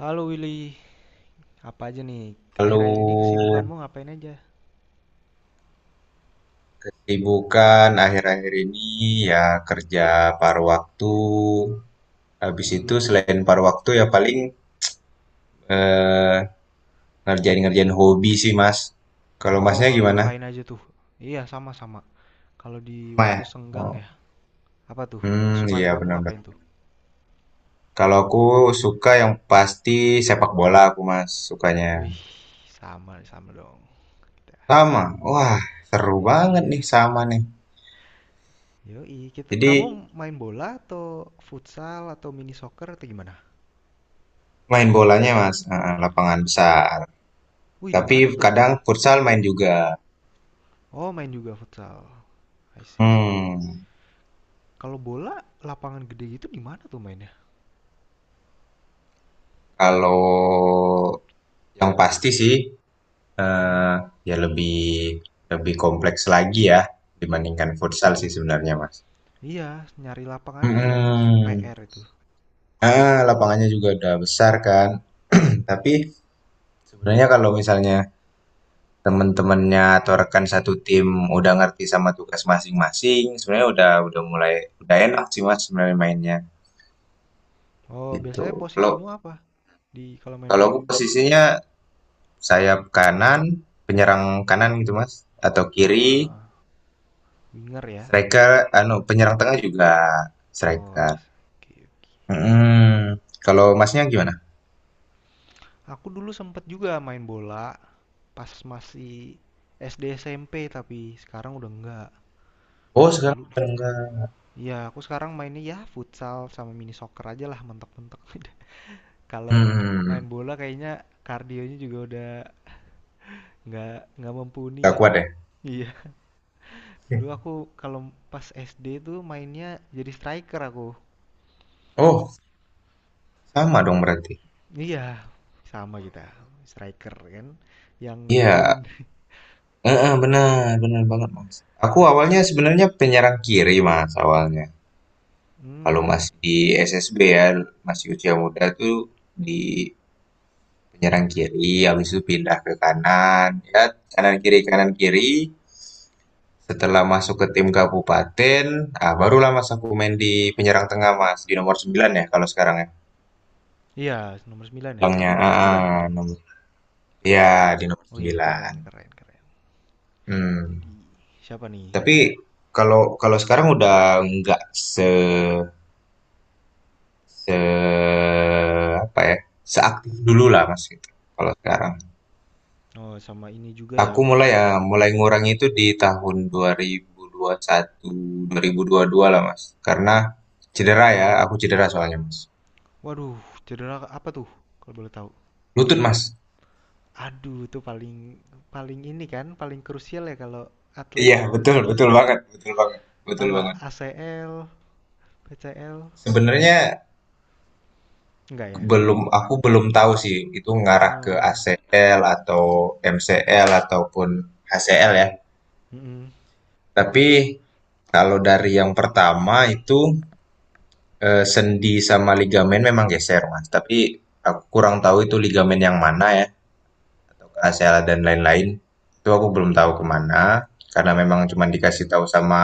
Halo Willy, apa aja nih? Lalu Akhir-akhir ini kesibukanmu ngapain aja? kesibukan akhir-akhir ini ya kerja paruh waktu. Habis itu Mm-mm. selain paruh waktu ya paling eh, ngerjain-ngerjain hobi sih, Mas. Kalau Oh, Masnya ah, gimana? ngapain aja tuh? Iya, sama-sama. Kalau di waktu Maya. senggang Oh. ya, apa tuh? Hmm, Kesukaan iya kamu ngapain benar-benar. tuh? Kalau aku suka yang pasti sepak bola aku, Mas, sukanya. Wih, sama sama dong. Sama. Wah, seru banget nih sama nih. Yoi, kita Jadi kamu main bola atau futsal atau mini soccer atau gimana? main bolanya, Mas, lapangan besar. Wih, di Tapi mana tuh? kadang futsal main juga. Oh, main juga futsal. I see. Hmm. Kalau bola, lapangan gede gitu di mana tuh mainnya? Kalau yang pasti sih, Mm-mm. eh, ya lebih lebih kompleks lagi ya dibandingkan futsal sih sebenarnya, Mas. Iya, nyari lapangannya ya kan, Mm. PR itu. Ah, lapangannya juga udah besar kan. Tapi sebenarnya kalau misalnya teman-temannya atau rekan satu tim udah ngerti sama tugas masing-masing, sebenarnya udah mulai udah enak sih Mas sebenarnya mainnya Oh, biasanya gitu. Kalau posisimu apa di kalau main kalau bola? aku posisinya sayap kanan, penyerang kanan gitu Mas atau kiri. Ah, winger ya. Striker anu penyerang tengah juga Oh, I striker. see. Oke, oke. Mhm. Kalau Masnya gimana? Aku dulu sempet juga main bola pas masih SD SMP, tapi sekarang udah enggak. Oh, Nah, sekarang dulu. udah enggak. Iya, aku sekarang mainnya ya futsal sama mini soccer aja lah mentok-mentok. Kalau main Hmm, bola kayaknya kardionya juga udah nggak nggak mumpuni enggak ya. kuat deh. Iya, dulu aku kalau pas SD tuh mainnya jadi striker aku. Oh, sama dong berarti. Iya, sama kita. Striker kan yang Iya, ngegolin. heeh, benar, benar banget, Mas. Aku awalnya sebenarnya penyerang kiri, Mas, awalnya. Kalau Hmm. masih di SSB ya, masih usia muda tuh di penyerang kiri, habis itu pindah ke kanan, ya kanan kiri kanan kiri. Setelah masuk ke tim kabupaten, barulah Mas aku main di penyerang tengah Mas, di nomor 9 ya kalau sekarang ya. Iya, nomor 9 ya. Kamu Bilangnya, nomor sembilan sekarang. nomor, ya di nomor Wih, keren, 9. keren, keren. Hmm. Jadi siapa nih? Tapi kalau kalau sekarang udah nggak se se apa ya, seaktif dulu lah Mas gitu. Kalau sekarang, Oh, sama ini juga ya aku apa? mulai ya mulai ngurangi itu di tahun dua dua dua puluh satu, dua ribu ribu satu puluh dua lah Mas. Karena cedera ya, aku cedera soalnya Mas. Waduh, cedera apa tuh? Kalau boleh tahu. Lutut Mas. Aduh, itu paling paling ini kan, paling krusial ya kalau atlet Iya, betul, lutut betul itu. banget, betul banget, betul Apa banget. ACL, PCL? Sebenarnya Enggak ya? belum, aku belum tahu sih itu ngarah ke Oh, ACL atau MCL ataupun HCL ya. mm-mm. Tapi kalau dari yang pertama itu sendi sama ligamen memang geser mas. Tapi aku kurang tahu itu ligamen yang mana ya atau ke ACL dan lain-lain. Itu aku belum tahu Hmm. kemana karena memang cuma dikasih tahu sama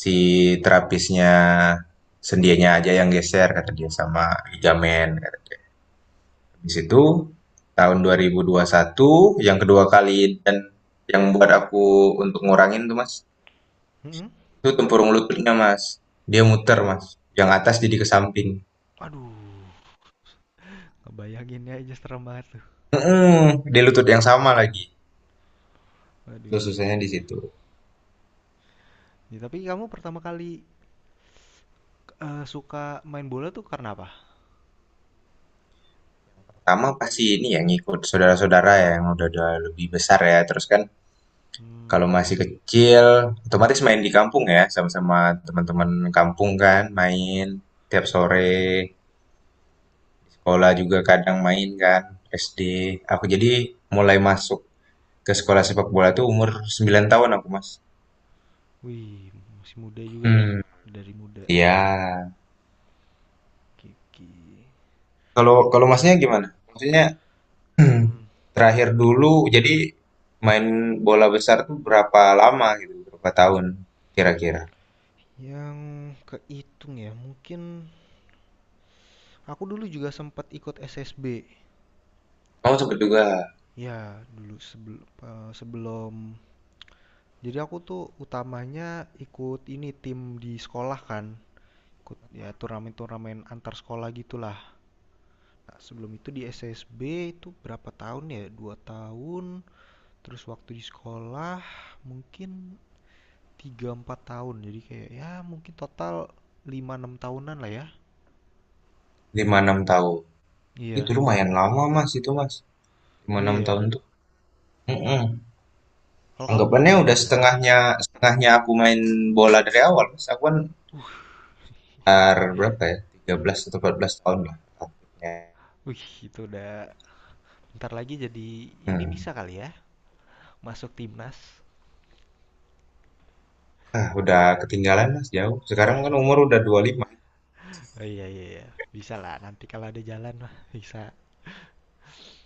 Si terapisnya, "Sendianya aja yang geser," kata dia, "sama ligamen," kata dia. Habis itu tahun 2021 yang kedua kali dan yang buat aku untuk ngurangin tuh, Mas, Mm-mm. itu tempurung lututnya, Mas. Dia muter, Mas. Yang atas jadi ke samping. Aduh, ngebayangin aja serem banget tuh. Mhm, di lutut yang sama lagi. Waduh, Terus waduh, susahnya di waduh. situ. Ya, tapi kamu pertama kali eh, suka main bola tuh karena apa? Pertama pasti ini yang ngikut saudara-saudara ya yang udah-udah lebih besar ya, terus kan. Hmm, Kalau ya. masih kecil, otomatis main di kampung ya, sama-sama teman-teman kampung kan, main tiap sore, Hmm. sekolah juga kadang main kan, SD. Aku jadi mulai masuk ke sekolah sepak bola tuh umur 9 tahun aku, Mas. Wih, masih muda juga ya. Hmm. Dari muda. Iya. Kiki. Kalau Gua- kalau Masnya gimana? Maksudnya Mm-mm. terakhir dulu jadi main bola besar tuh berapa lama gitu, berapa tahun kira-kira? Yang kehitung ya, mungkin aku dulu juga sempat ikut SSB. Kamu sempet juga Ya, dulu sebelum sebelum jadi aku tuh utamanya ikut ini tim di sekolah kan. Ikut ya turnamen-turnamen antar sekolah gitulah. Nah, sebelum itu di SSB itu berapa tahun ya? 2 tahun, terus waktu di sekolah mungkin 3 empat tahun. Jadi kayak ya mungkin total 5 enam tahunan lah ya. lima enam tahun. Itu Iya, main lumayan bola. lama, Mas, itu, Mas. Cuma Oh iya 6 ya. tahun tuh. Mm-mm. Kalau kamu berapa Anggapannya lama udah berarti? setengahnya setengahnya aku main bola dari awal. Mas. Aku kan sekitar berapa ya? 13 atau 14 tahun lah aktifnya. Wih, itu udah ntar lagi jadi ini Hmm. bisa kali ya masuk timnas. Ah, udah ketinggalan Mas jauh. Sekarang kan umur udah 25. Oh, iya, iya, iya. Bisa lah nanti kalau ada jalan mah bisa.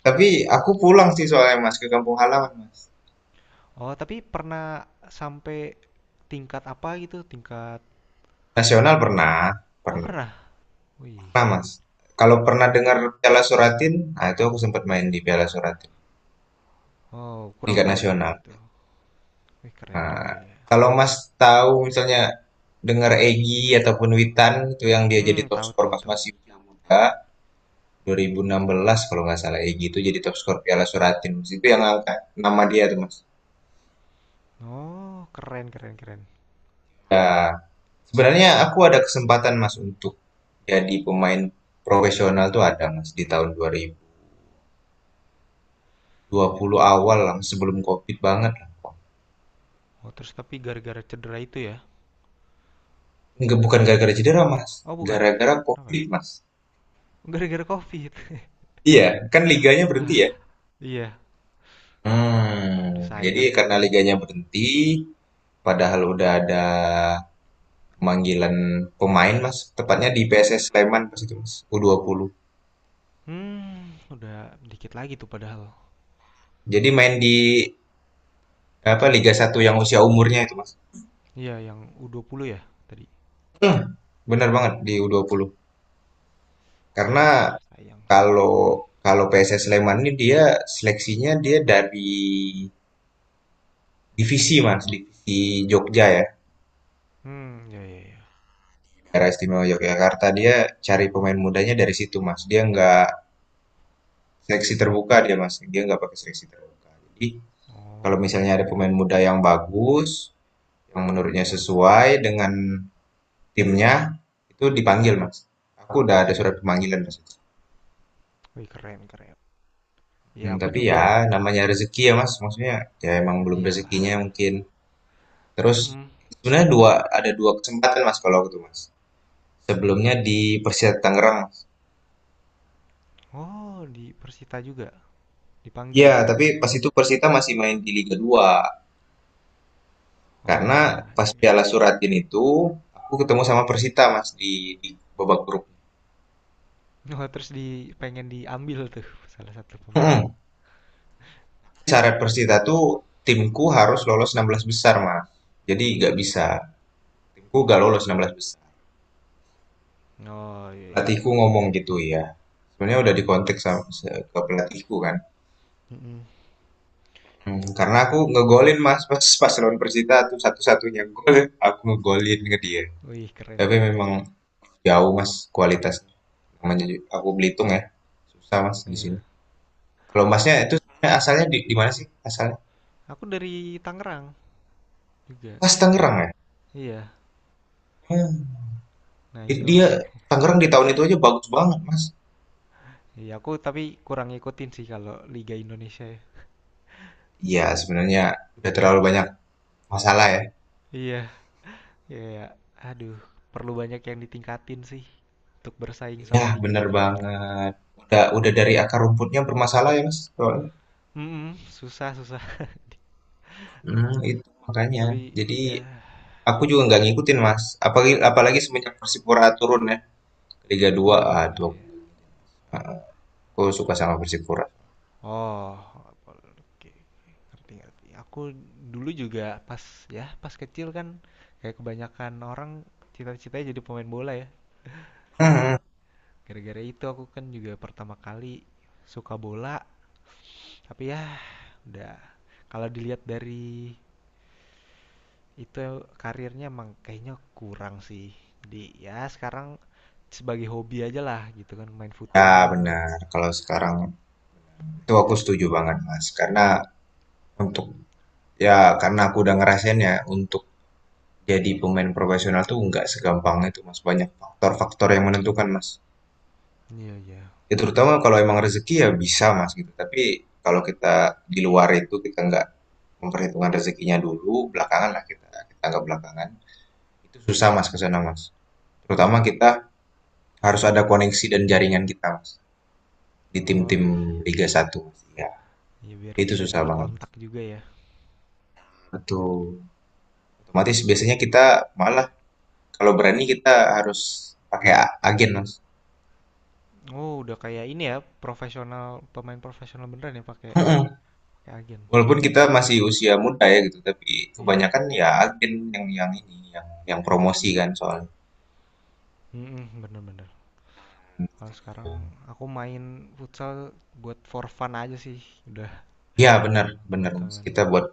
Tapi aku pulang sih soalnya Mas ke kampung halaman Mas. Oh, tapi pernah sampai tingkat apa gitu? Tingkat. Nasional pernah, Oh, pernah, pernah. Wih. pernah Mas. Kalau pernah dengar Piala Suratin, nah itu aku sempat main di Piala Suratin, Oh, kurang tingkat tahu deh aku nasional. itu. Wih, keren juga Nah, ya. kalau Mas tahu misalnya dengar Egi ataupun Witan itu yang dia Hmm, jadi top tahu, skor tahu, pas tahu. masih usia muda 2016 kalau nggak salah Egi itu jadi top skor Piala Suratin Mas. Itu yang angkat nama dia tuh Mas. Oh, keren, keren, keren. Ya, sebenarnya aku ada kesempatan Mas untuk jadi pemain profesional tuh ada Mas di tahun dua 2020 awal lah Mas, sebelum COVID banget lah. Oh, terus tapi gara-gara cedera itu ya? Nggak, bukan gara-gara cedera Mas, Oh, bukan. gara-gara Apa? COVID Mas. Gara-gara COVID. Iya, kan liganya berhenti ya. Wah, iya. Aduh, Hmm, jadi sayang juga karena ya. liganya berhenti, padahal udah ada pemanggilan pemain, Mas. Tepatnya di PSS Sleman pas itu, Mas. U20. Hmm, udah dikit lagi tuh padahal. Jadi main di apa Liga Satu yang usia umurnya itu, Mas. Iya, yang U-20 ya tadi. Benar banget di U20. Wah, Karena sayang sih. kalau kalau PSS Sleman ini dia seleksinya dia dari divisi, Mas, divisi Jogja ya. Hmm, ya, ya, ya. Daerah Istimewa Yogyakarta dia cari pemain mudanya dari situ, Mas. Dia nggak seleksi terbuka dia, Mas, dia nggak pakai seleksi terbuka. Jadi, kalau Oh, misalnya ada pemain muda yang bagus, yang menurutnya sesuai dengan timnya, itu dipanggil, Mas. Aku udah ada surat pemanggilan, Mas. wih, keren, keren. Ya, Hmm, aku tapi ya juga. namanya rezeki ya, Mas. Maksudnya ya emang belum rezekinya Iyalah. mungkin. Terus Mm-mm. sebenarnya ada dua kesempatan, Mas, kalau aku tuh, Mas. Sebelumnya di Persita Tangerang. Oh, di Persita juga dipanggil Iya, tuh. tapi pas itu Persita masih main di Liga 2. Karena Walah. pas Piala Suratin itu, aku ketemu sama Persita, Mas, di babak grup. Oh, terus di pengen diambil tuh salah satu pemainnya. Mhm. Syarat Persita tuh timku harus lolos 16 besar, Mas. Jadi nggak bisa. Timku nggak lolos 16 besar. Oh, iya, iya, Pelatihku iya. ngomong gitu ya. Sebenarnya udah dikontak ke pelatihku kan. Mm-mm. Hmm, Iya, karena aku. aku ngegolin Mas pas pas lawan Persita tuh satu-satunya gol aku ngegolin ke dia. Wih, keren, Tapi keren. memang jauh Mas kualitasnya. Namanya aku Belitung ya. Susah Mas di sini. Iya. Kalau Masnya itu sebenarnya asalnya di mana sih? Asalnya Aku dari Tangerang juga. Mas Tangerang ya? Iya. Hmm. Nah itu Dia makanya. Tangerang di tahun itu aja bagus banget, Mas. Iya, aku tapi kurang ngikutin sih kalau Liga Indonesia ya. Iya, sebenarnya udah terlalu banyak masalah ya. Iya. Iya, iya. Aduh, perlu banyak yang ditingkatin sih untuk bersaing Iya, sama bener liga-liga luar. banget. Udah dari akar rumputnya bermasalah ya, Mas. Soalnya. Mm, susah, susah. Hmm, itu makanya. Tapi Jadi ya. aku juga nggak ngikutin, Mas. Apalagi apalagi semenjak Persipura turun ya ke Liga dua Hmm, aduh iya. aku suka sama Persipura. Oh, oke, oke. Ngerti, ngerti. Aku dulu juga pas ya, pas kecil kan kayak kebanyakan orang cita-citanya jadi pemain bola ya. Gara- Gara-gara itu aku kan juga pertama kali suka bola, tapi ya udah, kalau dilihat dari itu karirnya emang kayaknya kurang sih. Jadi ya sekarang sebagai hobi aja lah gitu kan, main Ya, futsal. benar. Kalau sekarang itu Iya, aku setuju banget, Mas. Karena untuk Ya, karena aku udah ngerasain ya, untuk jadi pemain profesional tuh nggak segampang itu, Mas. Banyak faktor-faktor yang menentukan, Mas. iya, iya. Ya, terutama kalau emang rezeki ya bisa, Mas, gitu. Tapi kalau kita di luar itu, kita nggak memperhitungkan rezekinya dulu, belakangan lah kita, kita nggak belakangan. Itu susah, Mas, ke sana, Mas. Terutama kita harus ada koneksi dan jaringan kita, Mas. Di Oh, tim-tim Liga Satu. Mas. Ya, ya biar itu bisa susah banget. Mas. dikontak juga ya. Betul. Otomatis biasanya kita malah. Kalau berani kita harus pakai agen, Mas. Oh, udah kayak ini ya, profesional, pemain profesional beneran ya pakai Mm-mm. pakai agen. Walaupun kita masih usia muda ya gitu, tapi Iya. kebanyakan ya agen yang ini, yang promosi kan soalnya. Mm-mm, bener-bener. Kalau sekarang aku main futsal buat for fun aja sih, udah Iya benar, sama benar Mas. teman-teman. Kita buat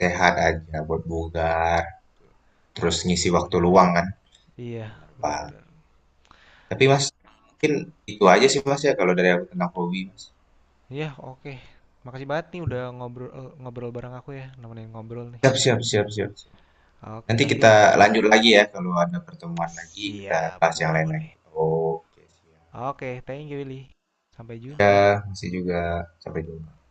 sehat aja, buat bugar, terus ngisi waktu Bener luang kan. banget. Iya, Benar banget. bener-bener. Tapi Mas, mungkin itu aja sih Mas ya kalau dari aku tentang hobi Mas. Iya, oke. Makasih banget nih udah ngobrol bareng aku ya, nemenin ngobrol nih. Siap, siap, siap, siap, siap. Oke, Nanti kita nanti lanjut lagi ya kalau ada pertemuan lagi kita siap, bahas yang lain lagi. boleh-boleh. Oke, siap. Oke, thank you Willy. Sampai jumpa. Masih juga sampai dulu.